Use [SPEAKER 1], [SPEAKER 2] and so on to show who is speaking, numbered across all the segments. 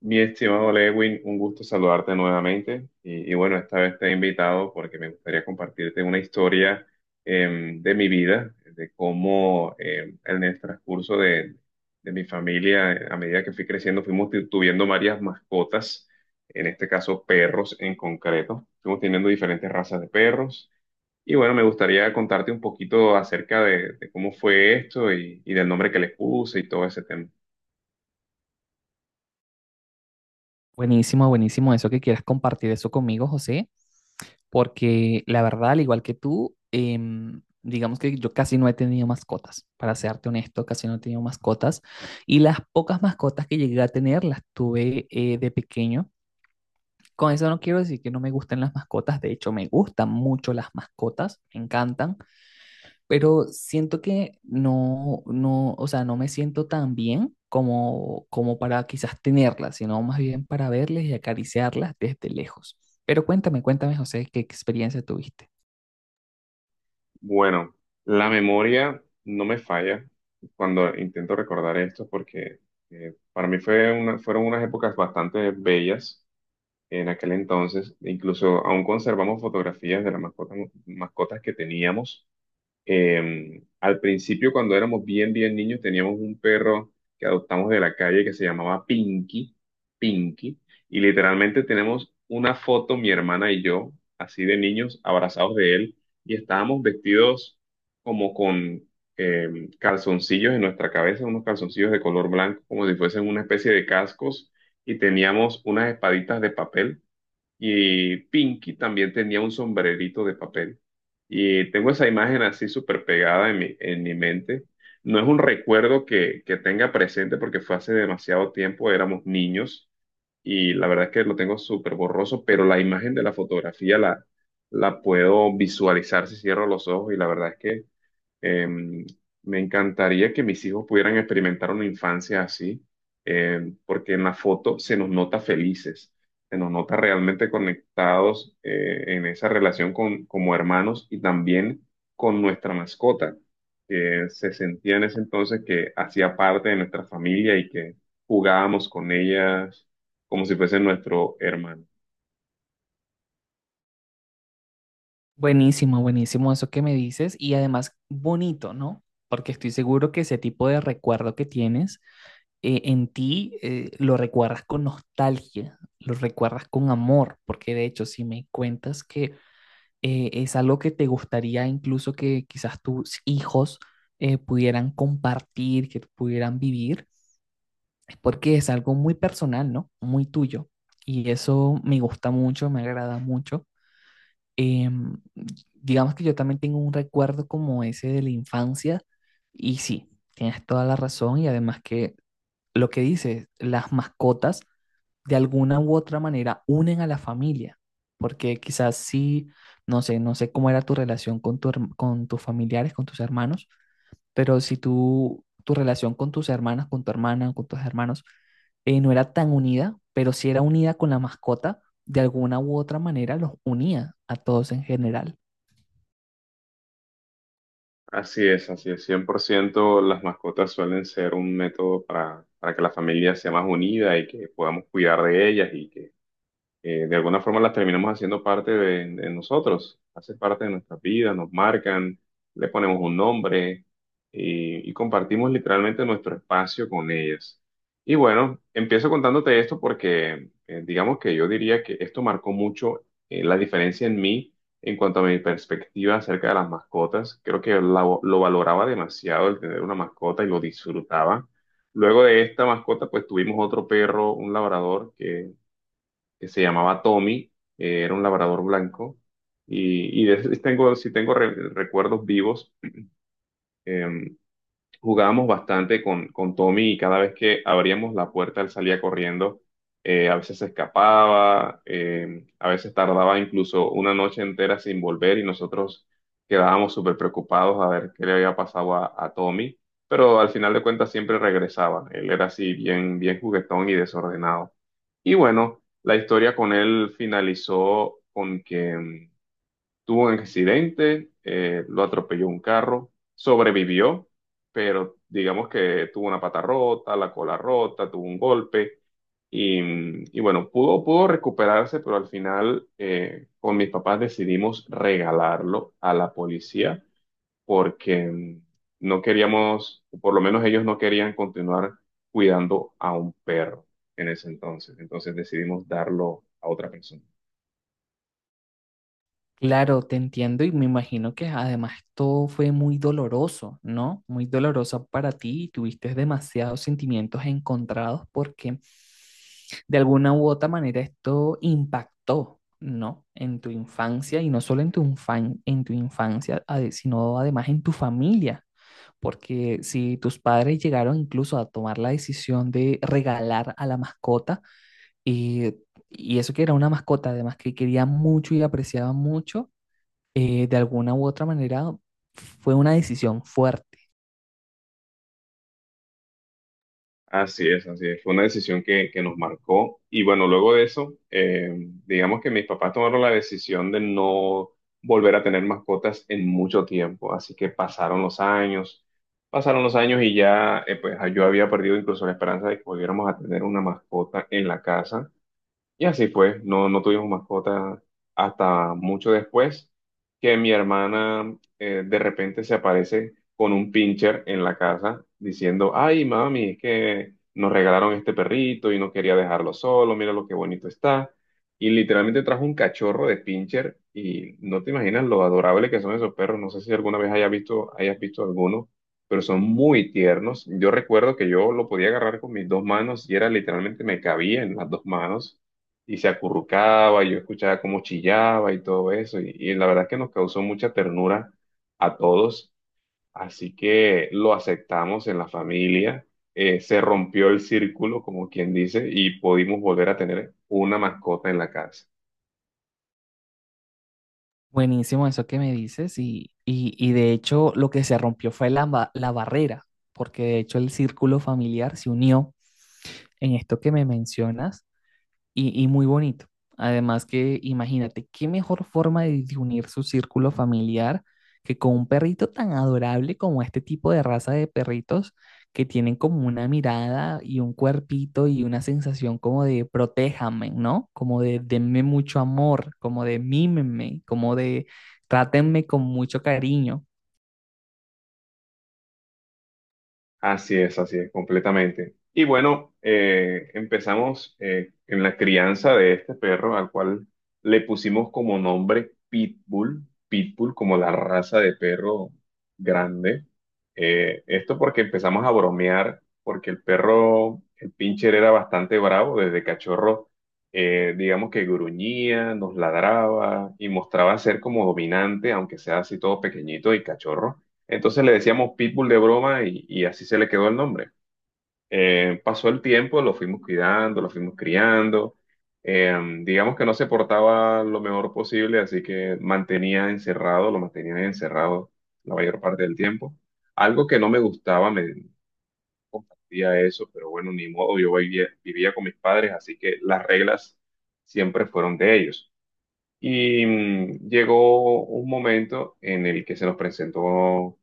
[SPEAKER 1] Mi estimado Lewin, un gusto saludarte nuevamente. Y bueno, esta vez te he invitado porque me gustaría compartirte una historia de mi vida, de cómo en el transcurso de mi familia, a medida que fui creciendo, fuimos tuviendo varias mascotas, en este caso perros en concreto. Fuimos teniendo diferentes razas de perros. Y bueno, me gustaría contarte un poquito acerca de cómo fue esto y del nombre que les puse y todo ese tema.
[SPEAKER 2] Buenísimo, buenísimo eso que quieras compartir eso conmigo, José, porque la verdad, al igual que tú, digamos que yo casi no he tenido mascotas, para serte honesto, casi no he tenido mascotas, y las pocas mascotas que llegué a tener las tuve de pequeño. Con eso no quiero decir que no me gusten las mascotas, de hecho me gustan mucho las mascotas, me encantan, pero siento que o sea, no me siento tan bien como, como para quizás tenerlas, sino más bien para verles y acariciarlas desde lejos. Pero cuéntame, cuéntame, José, ¿qué experiencia tuviste?
[SPEAKER 1] Bueno, la memoria no me falla cuando intento recordar esto porque para mí fueron unas épocas bastante bellas en aquel entonces. Incluso aún conservamos fotografías de las mascotas, mascotas que teníamos. Al principio, cuando éramos bien, bien niños, teníamos un perro que adoptamos de la calle que se llamaba Pinky, Pinky, y literalmente tenemos una foto, mi hermana y yo, así de niños, abrazados de él, y estábamos vestidos como con calzoncillos en nuestra cabeza, unos calzoncillos de color blanco, como si fuesen una especie de cascos, y teníamos unas espaditas de papel y Pinky también tenía un sombrerito de papel. Y tengo esa imagen así súper pegada en mi mente. No es un recuerdo que tenga presente porque fue hace demasiado tiempo, éramos niños y la verdad es que lo tengo súper borroso, pero la imagen de la fotografía la puedo visualizar si cierro los ojos y la verdad es que Em, me encantaría que mis hijos pudieran experimentar una infancia así, porque en la foto se nos nota felices, se nos nota realmente conectados en esa relación con, como hermanos y también con nuestra mascota, que se sentía en ese entonces que hacía parte de nuestra familia y que jugábamos con ellas como si fuese nuestro hermano.
[SPEAKER 2] Buenísimo, buenísimo eso que me dices y además bonito, ¿no? Porque estoy seguro que ese tipo de recuerdo que tienes en ti lo recuerdas con nostalgia, lo recuerdas con amor, porque de hecho si me cuentas que es algo que te gustaría incluso que quizás tus hijos pudieran compartir, que pudieran vivir, es porque es algo muy personal, ¿no? Muy tuyo. Y eso me gusta mucho, me agrada mucho. Em, digamos que yo también tengo un recuerdo como ese de la infancia y sí, tienes toda la razón y además que lo que dices, las mascotas de alguna u otra manera unen a la familia, porque quizás sí, no sé, no sé cómo era tu relación con, tu herm- con tus familiares, con tus hermanos, pero si tú, tu relación con tus hermanas, con tu hermana, con tus hermanos, no era tan unida, pero si era unida con la mascota, de alguna u otra manera los unía a todos en general.
[SPEAKER 1] Así es, así es, 100%. Las mascotas suelen ser un método para que la familia sea más unida y que podamos cuidar de ellas y que de alguna forma las terminamos haciendo parte de nosotros, hace parte de nuestras vidas, nos marcan, le ponemos un nombre y compartimos literalmente nuestro espacio con ellas. Y bueno, empiezo contándote esto porque digamos que yo diría que esto marcó mucho la diferencia en mí en cuanto a mi perspectiva acerca de las mascotas. Creo que lo valoraba demasiado el tener una mascota y lo disfrutaba. Luego de esta mascota, pues tuvimos otro perro, un labrador, que se llamaba Tommy, era un labrador blanco, y tengo, si tengo recuerdos vivos, eh, jugábamos bastante con Tommy y cada vez que abríamos la puerta él salía corriendo, a veces se escapaba, a veces tardaba incluso una noche entera sin volver y nosotros quedábamos súper preocupados a ver qué le había pasado a Tommy, pero al final de cuentas siempre regresaba, él era así bien, bien juguetón y desordenado. Y bueno, la historia con él finalizó con que tuvo un accidente, lo atropelló un carro, sobrevivió, pero digamos que tuvo una pata rota, la cola rota, tuvo un golpe y, y bueno, pudo recuperarse, pero al final con mis papás decidimos regalarlo a la policía porque no queríamos, o por lo menos ellos no querían continuar cuidando a un perro en ese entonces. Entonces decidimos darlo a otra persona.
[SPEAKER 2] Claro, te entiendo y me imagino que además esto fue muy doloroso, ¿no? Muy doloroso para ti y tuviste demasiados sentimientos encontrados porque de alguna u otra manera esto impactó, ¿no? En tu infancia y no solo en tu, infan- en tu infancia, ade- sino además en tu familia. Porque si tus padres llegaron incluso a tomar la decisión de regalar a la mascota, y, y eso que era una mascota además que quería mucho y apreciaba mucho, de alguna u otra manera fue una decisión fuerte.
[SPEAKER 1] Así es, así es. Fue una decisión que nos marcó. Y bueno, luego de eso, digamos que mis papás tomaron la decisión de no volver a tener mascotas en mucho tiempo. Así que pasaron los años y ya, pues yo había perdido incluso la esperanza de que volviéramos a tener una mascota en la casa. Y así fue, no tuvimos mascota hasta mucho después que mi hermana de repente se aparece con un pincher en la casa diciendo, ay mami, es que nos regalaron este perrito y no quería dejarlo solo, mira lo que bonito está. Y literalmente trajo un cachorro de pincher y no te imaginas lo adorable que son esos perros. No sé si alguna vez hayas visto alguno, pero son muy tiernos. Yo recuerdo que yo lo podía agarrar con mis dos manos y era literalmente me cabía en las dos manos y se acurrucaba, y yo escuchaba cómo chillaba y todo eso, y la verdad es que nos causó mucha ternura a todos, así que lo aceptamos en la familia, se rompió el círculo, como quien dice, y pudimos volver a tener una mascota en la casa.
[SPEAKER 2] Buenísimo eso que me dices y de hecho lo que se rompió fue la, ba- la barrera, porque de hecho el círculo familiar se unió en esto que me mencionas y muy bonito. Además que imagínate, qué mejor forma de unir su círculo familiar que con un perrito tan adorable como este tipo de raza de perritos que tienen como una mirada y un cuerpito y una sensación como de protéjame, ¿no? Como de denme mucho amor, como de mímenme, como de trátenme con mucho cariño.
[SPEAKER 1] Así es, completamente. Y bueno, empezamos en la crianza de este perro, al cual le pusimos como nombre Pitbull, Pitbull como la raza de perro grande. Esto porque empezamos a bromear, porque el perro, el pincher era bastante bravo desde cachorro, digamos que gruñía, nos ladraba y mostraba ser como dominante, aunque sea así todo pequeñito y cachorro. Entonces le decíamos Pitbull de broma y así se le quedó el nombre. Pasó el tiempo, lo fuimos cuidando, lo fuimos criando. Eh, digamos que no se portaba lo mejor posible, así que mantenía encerrado, lo mantenía encerrado la mayor parte del tiempo. Algo que no me gustaba, me compartía eso, pero bueno, ni modo, yo vivía, vivía con mis padres, así que las reglas siempre fueron de ellos. Y llegó un momento en el que se nos presentó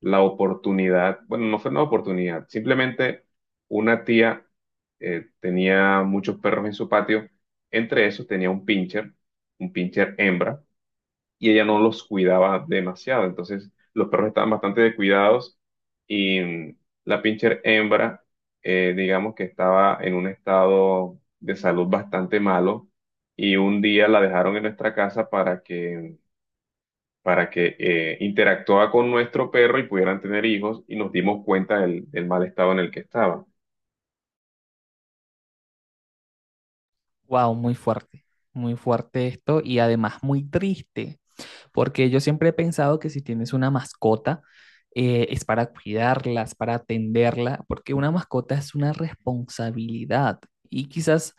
[SPEAKER 1] la oportunidad, bueno, no fue una oportunidad, simplemente una tía tenía muchos perros en su patio, entre esos tenía un pincher hembra, y ella no los cuidaba demasiado, entonces los perros estaban bastante descuidados y la pincher hembra, digamos que estaba en un estado de salud bastante malo y un día la dejaron en nuestra casa para que interactuaba con nuestro perro y pudieran tener hijos y nos dimos cuenta del mal estado en el que estaba.
[SPEAKER 2] Wow, muy fuerte esto y además muy triste. Porque yo siempre he pensado que si tienes una mascota, es para cuidarla, es para atenderla, porque una mascota es una responsabilidad. Y quizás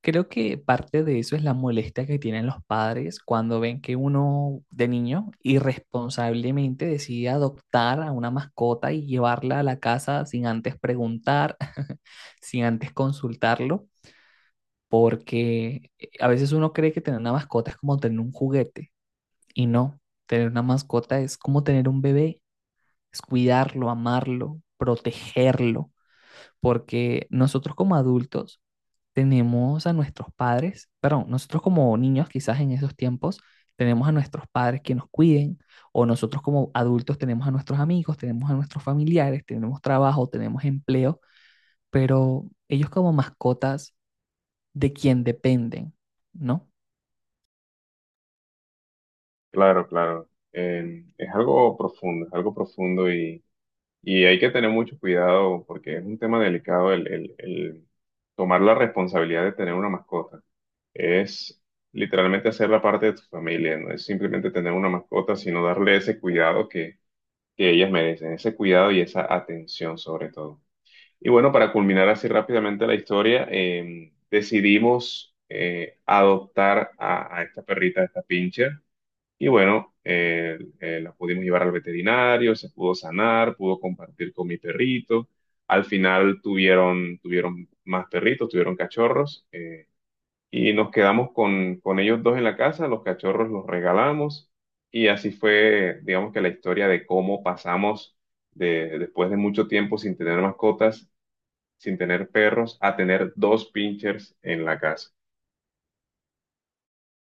[SPEAKER 2] creo que parte de eso es la molestia que tienen los padres cuando ven que uno de niño irresponsablemente decide adoptar a una mascota y llevarla a la casa sin antes preguntar, sin antes consultarlo. Porque a veces uno cree que tener una mascota es como tener un juguete y no, tener una mascota es como tener un bebé, es cuidarlo, amarlo, protegerlo, porque nosotros como adultos tenemos a nuestros padres, perdón, nosotros como niños quizás en esos tiempos tenemos a nuestros padres que nos cuiden, o nosotros como adultos tenemos a nuestros amigos, tenemos a nuestros familiares, tenemos trabajo, tenemos empleo, pero ellos como mascotas de quien dependen, ¿no?
[SPEAKER 1] Claro, claro. Es algo profundo, es algo profundo y hay que tener mucho cuidado porque es un tema delicado el tomar la responsabilidad de tener una mascota. Es literalmente hacerla parte de tu familia, no es simplemente tener una mascota, sino darle ese cuidado que ellas merecen, ese cuidado y esa atención sobre todo. Y bueno, para culminar así rápidamente la historia, decidimos adoptar a esta perrita, a esta pincher. Y bueno, la pudimos llevar al veterinario, se pudo sanar, pudo compartir con mi perrito. Al final tuvieron, tuvieron más perritos, tuvieron cachorros. Y nos quedamos con ellos dos en la casa, los cachorros los regalamos. Y así fue, digamos que la historia de cómo pasamos de, después de mucho tiempo sin tener mascotas sin tener perros a tener dos pinchers en la casa.